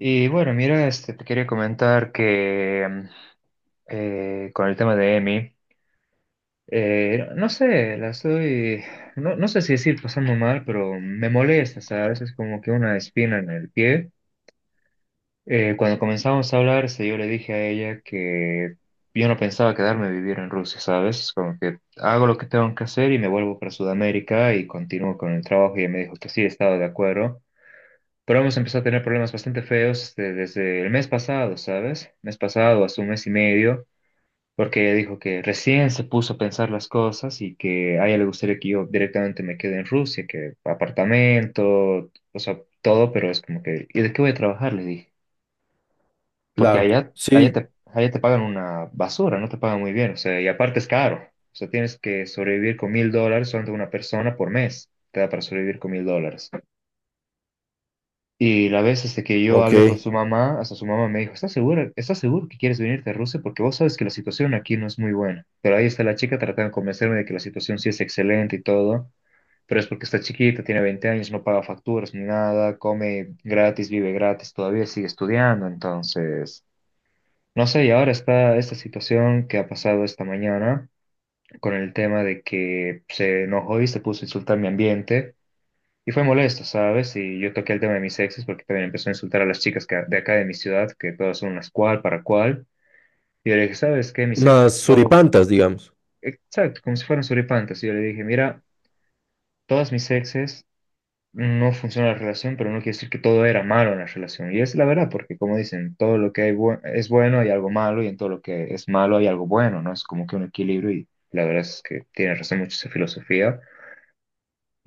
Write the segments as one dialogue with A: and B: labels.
A: Y bueno, mira, este, te quería comentar que con el tema de Emi, no sé, la estoy, no, no sé si decir pasando mal, pero me molesta, ¿sabes? Es como que una espina en el pie. Cuando comenzamos a hablar, este, yo le dije a ella que yo no pensaba quedarme a vivir en Rusia, ¿sabes? Es como que hago lo que tengo que hacer y me vuelvo para Sudamérica y continúo con el trabajo. Y ella me dijo que sí, estaba de acuerdo. Pero hemos empezado a tener problemas bastante feos este, desde el mes pasado, ¿sabes? Mes pasado, hace un mes y medio, porque ella dijo que recién se puso a pensar las cosas y que a ella le gustaría que yo directamente me quede en Rusia, que apartamento, o sea, todo, pero es como que, ¿y de qué voy a trabajar? Le dije, porque
B: Claro,
A: allá, allá
B: sí,
A: te, allá te pagan una basura, no te pagan muy bien, o sea, y aparte es caro, o sea, tienes que sobrevivir con 1000 dólares solamente, una persona por mes, te da para sobrevivir con mil dólares. Y la vez hasta que yo hablé con
B: ok.
A: su mamá, hasta su mamá me dijo, ¿estás segura, estás seguro que quieres venirte a Rusia? Porque vos sabes que la situación aquí no es muy buena. Pero ahí está la chica tratando de convencerme de que la situación sí es excelente y todo, pero es porque está chiquita, tiene 20 años, no paga facturas ni nada, come gratis, vive gratis, todavía sigue estudiando, entonces… No sé, y ahora está esta situación que ha pasado esta mañana con el tema de que se enojó y se puso a insultar mi ambiente y fue molesto, ¿sabes? Y yo toqué el tema de mis exes porque también empezó a insultar a las chicas de acá de mi ciudad, que todas son unas cual para cual. Y yo le dije, ¿sabes qué? Mis exes,
B: Unas
A: son…
B: suripantas, digamos.
A: Exacto, como si fueran suripantas. Y yo le dije, mira, todas mis exes no funciona la relación, pero no quiere decir que todo era malo en la relación. Y es la verdad, porque como dicen, todo lo que hay es bueno hay algo malo, y en todo lo que es malo hay algo bueno, ¿no? Es como que un equilibrio, y la verdad es que tiene razón mucho esa filosofía.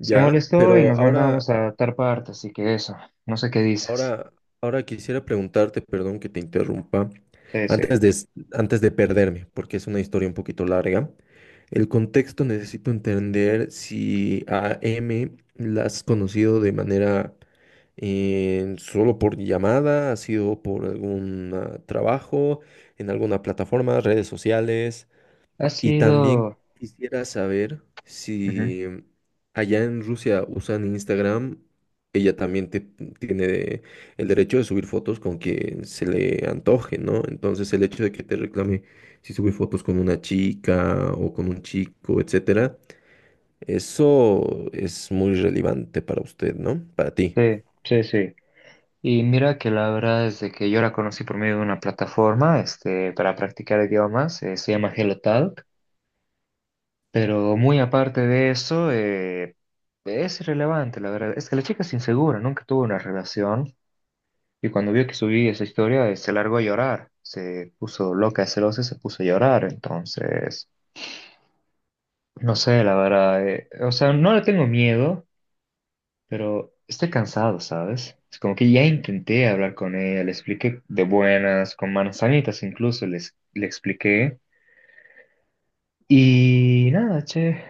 A: Se molestó y
B: pero
A: nos
B: ahora,
A: mandábamos a adaptar parte, así que eso, no sé qué dices.
B: ahora, ahora quisiera preguntarte, perdón que te interrumpa,
A: Sí, sí.
B: antes de, s- antes de perderme, porque es una historia un poquito larga. El contexto necesito entender si a M la has conocido de manera solo por llamada, ha sido por algún trabajo, en alguna plataforma, redes sociales.
A: Ha
B: Y también
A: sido…
B: quisiera saber
A: Ujú.
B: si allá en Rusia usan Instagram, ella también tiene el derecho de subir fotos con quien se le antoje, ¿no? Entonces el hecho de que te reclame si subí fotos con una chica o con un chico, etcétera, eso es muy relevante para usted, ¿no? Para ti.
A: Sí, sí, sí. Y mira que la verdad es de que yo la conocí por medio de una plataforma, este, para practicar idiomas, se llama HelloTalk, pero muy aparte de eso, es irrelevante, la verdad. Es que la chica es insegura, nunca tuvo una relación, y cuando vio que subí esa historia, se largó a llorar, se puso loca, de celosa, y se puso a llorar, entonces, no sé, la verdad, o sea, no le tengo miedo. Pero está cansado, ¿sabes? Es como que ya intenté hablar con ella, le expliqué de buenas, con manzanitas incluso, les, le expliqué. Y nada, che,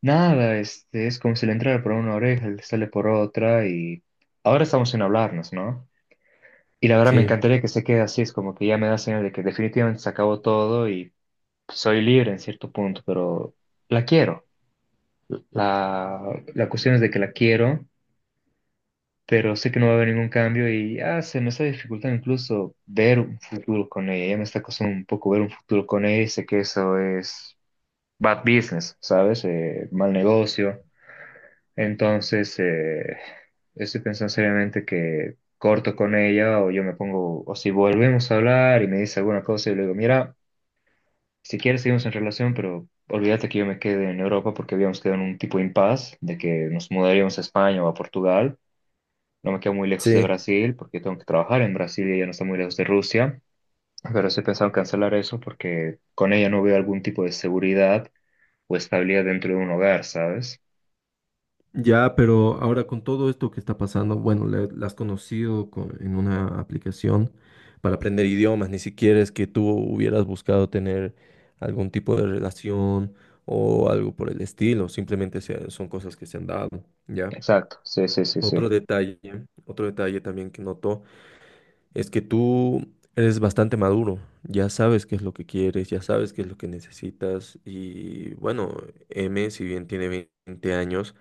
A: nada, este, es como si le entrara por una oreja, le sale por otra y ahora estamos sin hablarnos, ¿no? Y la verdad me
B: Sí,
A: encantaría que se quede así, es como que ya me da señal de que definitivamente se acabó todo y soy libre en cierto punto, pero la quiero. La, la cuestión es de que la quiero pero sé que no va a haber ningún cambio y se me está dificultando incluso ver un futuro con ella. Ya me está costando un poco ver un futuro con ella y sé que eso es bad business, ¿sabes? Mal negocio. Entonces, estoy pensando seriamente que corto con ella o yo me pongo, o si volvemos a hablar y me dice alguna cosa y le digo, mira, si quieres seguimos en relación, pero olvídate que yo me quede en Europa porque habíamos quedado en un tipo de impas de que nos mudaríamos a España o a Portugal, no me quedo muy lejos de
B: sí.
A: Brasil porque tengo que trabajar en Brasil y ella no está muy lejos de Rusia, pero sí he pensado en cancelar eso porque con ella no veo algún tipo de seguridad o estabilidad dentro de un hogar, ¿sabes?
B: Ya, pero ahora con todo esto que está pasando, bueno, la has conocido en una aplicación para aprender idiomas, ni siquiera es que tú hubieras buscado tener algún tipo de relación o algo por el estilo, simplemente son cosas que se han dado, ¿ya?
A: Exacto, sí, sí, sí, sí,
B: Otro detalle, otro detalle también que noto es que tú eres bastante maduro, ya sabes qué es lo que quieres, ya sabes qué es lo que necesitas y bueno, M, si bien tiene 20 años,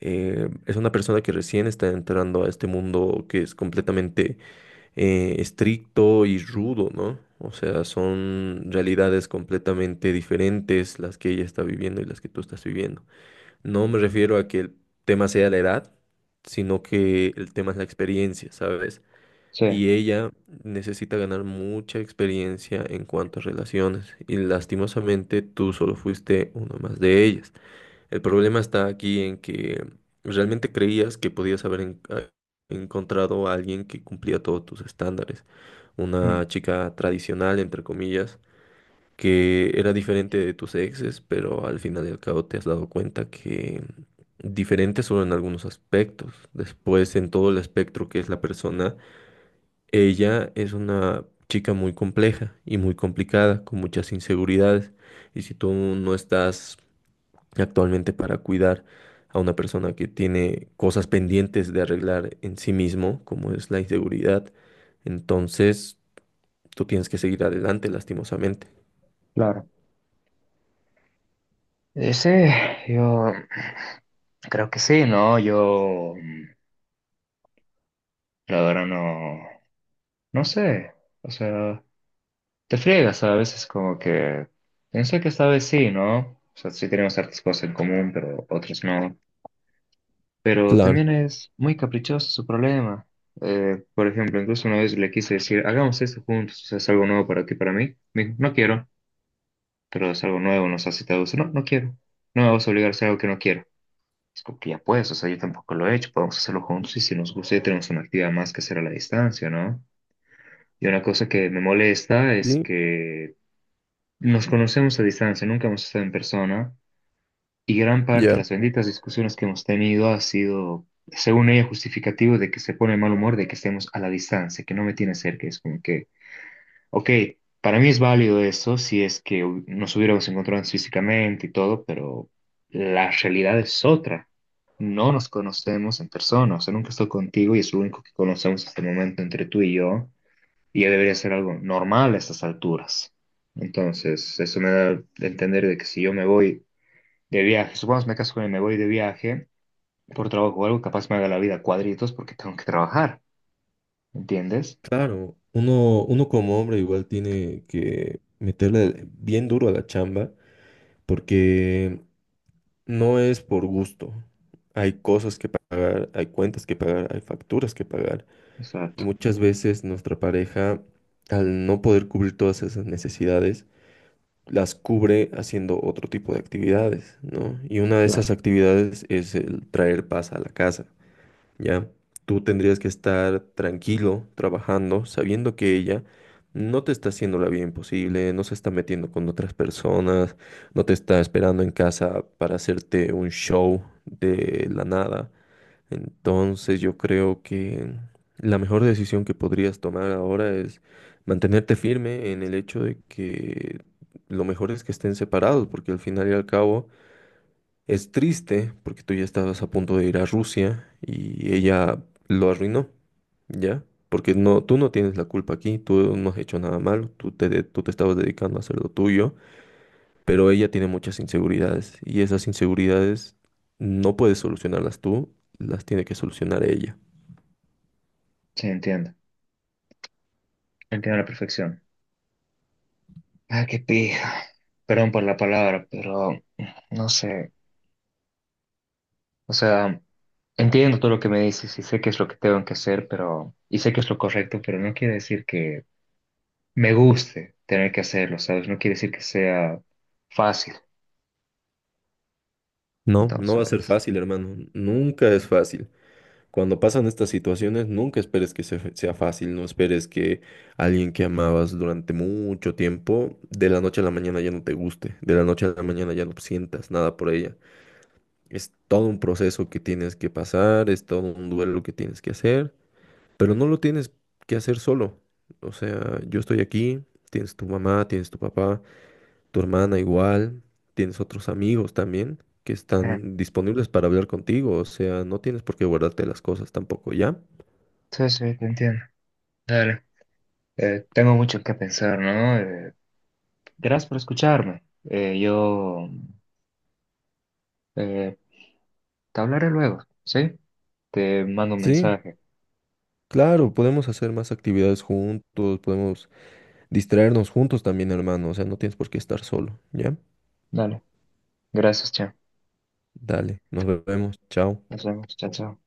B: es una persona que recién está entrando a este mundo que es completamente estricto y rudo, ¿no? O sea, son realidades completamente diferentes las que ella está viviendo y las que tú estás viviendo. No me refiero a que el tema sea la edad, sino que el tema es la experiencia, ¿sabes?
A: sí,
B: Y ella necesita ganar mucha experiencia en cuanto a relaciones. Y lastimosamente tú solo fuiste uno más de ellas. El problema está aquí en que realmente creías que podías encontrado a alguien que cumplía todos tus estándares,
A: mm,
B: una chica tradicional, entre comillas, que era diferente de tus exes, pero al final y al cabo te has dado cuenta que diferente solo en algunos aspectos. Después, en todo el espectro que es la persona, ella es una chica muy compleja y muy complicada, con muchas inseguridades. Y si tú no estás actualmente para cuidar a una persona que tiene cosas pendientes de arreglar en sí mismo, como es la inseguridad. Entonces, tú tienes que seguir adelante, lastimosamente.
A: claro. Sí, yo creo que sí, ¿no? Yo, la verdad, no, no sé, o sea, te friegas a veces como que, pensé que esta vez sí, ¿no? O sea, sí tenemos ciertas cosas en común, pero otras no. Pero
B: Claro.
A: también es muy caprichoso su problema. Por ejemplo, incluso una vez le quise decir, hagamos esto juntos, o sea, es algo nuevo para ti, para mí. Me dijo, no quiero, pero es algo nuevo, nos hace todo eso. No, no quiero. No me vas a obligar a hacer algo que no quiero. Es como que ya puedes, o sea, yo tampoco lo he hecho, podemos hacerlo juntos y si nos gusta ya tenemos una actividad más que hacer a la distancia, ¿no? Y una cosa que me molesta es
B: Sí,
A: que nos conocemos a distancia, nunca hemos estado en persona. Y gran parte de
B: ya.
A: las benditas discusiones que hemos tenido ha sido, según ella, justificativo de que se pone de mal humor, de que estemos a la distancia, que no me tiene cerca. Es como que, ok, para mí es válido eso si es que nos hubiéramos encontrado físicamente y todo, pero la realidad es otra. No nos conocemos en persona, o sea, nunca estoy contigo y es lo único que conocemos hasta el momento entre tú y yo, y ya debería ser algo normal a estas alturas. Entonces, eso me da a entender de que si yo me voy de viaje. Supongamos me caso con él, me voy de viaje por trabajo o algo, capaz me haga la vida cuadritos porque tengo que trabajar. ¿Entiendes?
B: Claro, uno como hombre igual tiene que meterle bien duro a la chamba porque no es por gusto. Hay cosas que pagar, hay cuentas que pagar, hay facturas que pagar. Y
A: Exacto,
B: muchas veces nuestra pareja, al no poder cubrir todas esas necesidades, las cubre haciendo otro tipo de actividades, ¿no? Y una de esas
A: claro.
B: actividades es el traer paz a la casa, ¿ya? Tú tendrías que estar tranquilo, trabajando, sabiendo que ella no te está haciendo la vida imposible, no se está metiendo con otras personas, no te está esperando en casa para hacerte un show de la nada. Entonces yo creo que la mejor decisión que podrías tomar ahora es mantenerte firme en el hecho de que lo mejor es que estén separados, porque al final y al cabo es triste, porque tú ya estabas a punto de ir a Rusia y ella lo arruinó, ¿ya? Porque no, tú no tienes la culpa aquí, tú no has hecho nada malo, tú te estabas dedicando a hacer lo tuyo, pero ella tiene muchas inseguridades y esas inseguridades no puedes solucionarlas tú, las tiene que solucionar ella.
A: Sí, entiendo. Entiendo a la perfección. Ah, qué pija. Perdón por la palabra, pero no sé. O sea, entiendo todo lo que me dices y sé qué es lo que tengo que hacer, pero y sé que es lo correcto, pero no quiere decir que me guste tener que hacerlo, ¿sabes? No quiere decir que sea fácil.
B: No, no va a ser
A: Entonces,
B: fácil, hermano. Nunca es fácil. Cuando pasan estas situaciones, nunca esperes que sea fácil. No esperes que alguien que amabas durante mucho tiempo, de la noche a la mañana ya no te guste. De la noche a la mañana ya no sientas nada por ella. Es todo un proceso que tienes que pasar, es todo un duelo que tienes que hacer, pero no lo tienes que hacer solo. O sea, yo estoy aquí, tienes tu mamá, tienes tu papá tu hermana igual, tienes otros amigos también que
A: eh,
B: están disponibles para hablar contigo, o sea, no tienes por qué guardarte las cosas tampoco, ¿ya?
A: sí, sí, te entiendo. Dale. Tengo mucho que pensar, ¿no? Gracias por escucharme. Yo eh, te hablaré luego, ¿sí? Te mando un
B: Sí,
A: mensaje.
B: claro, podemos hacer más actividades juntos, podemos distraernos juntos también, hermano, o sea, no tienes por qué estar solo, ¿ya?
A: Dale. Gracias, chao.
B: Dale, nos vemos, chao.
A: Nos vemos. Chao, chao.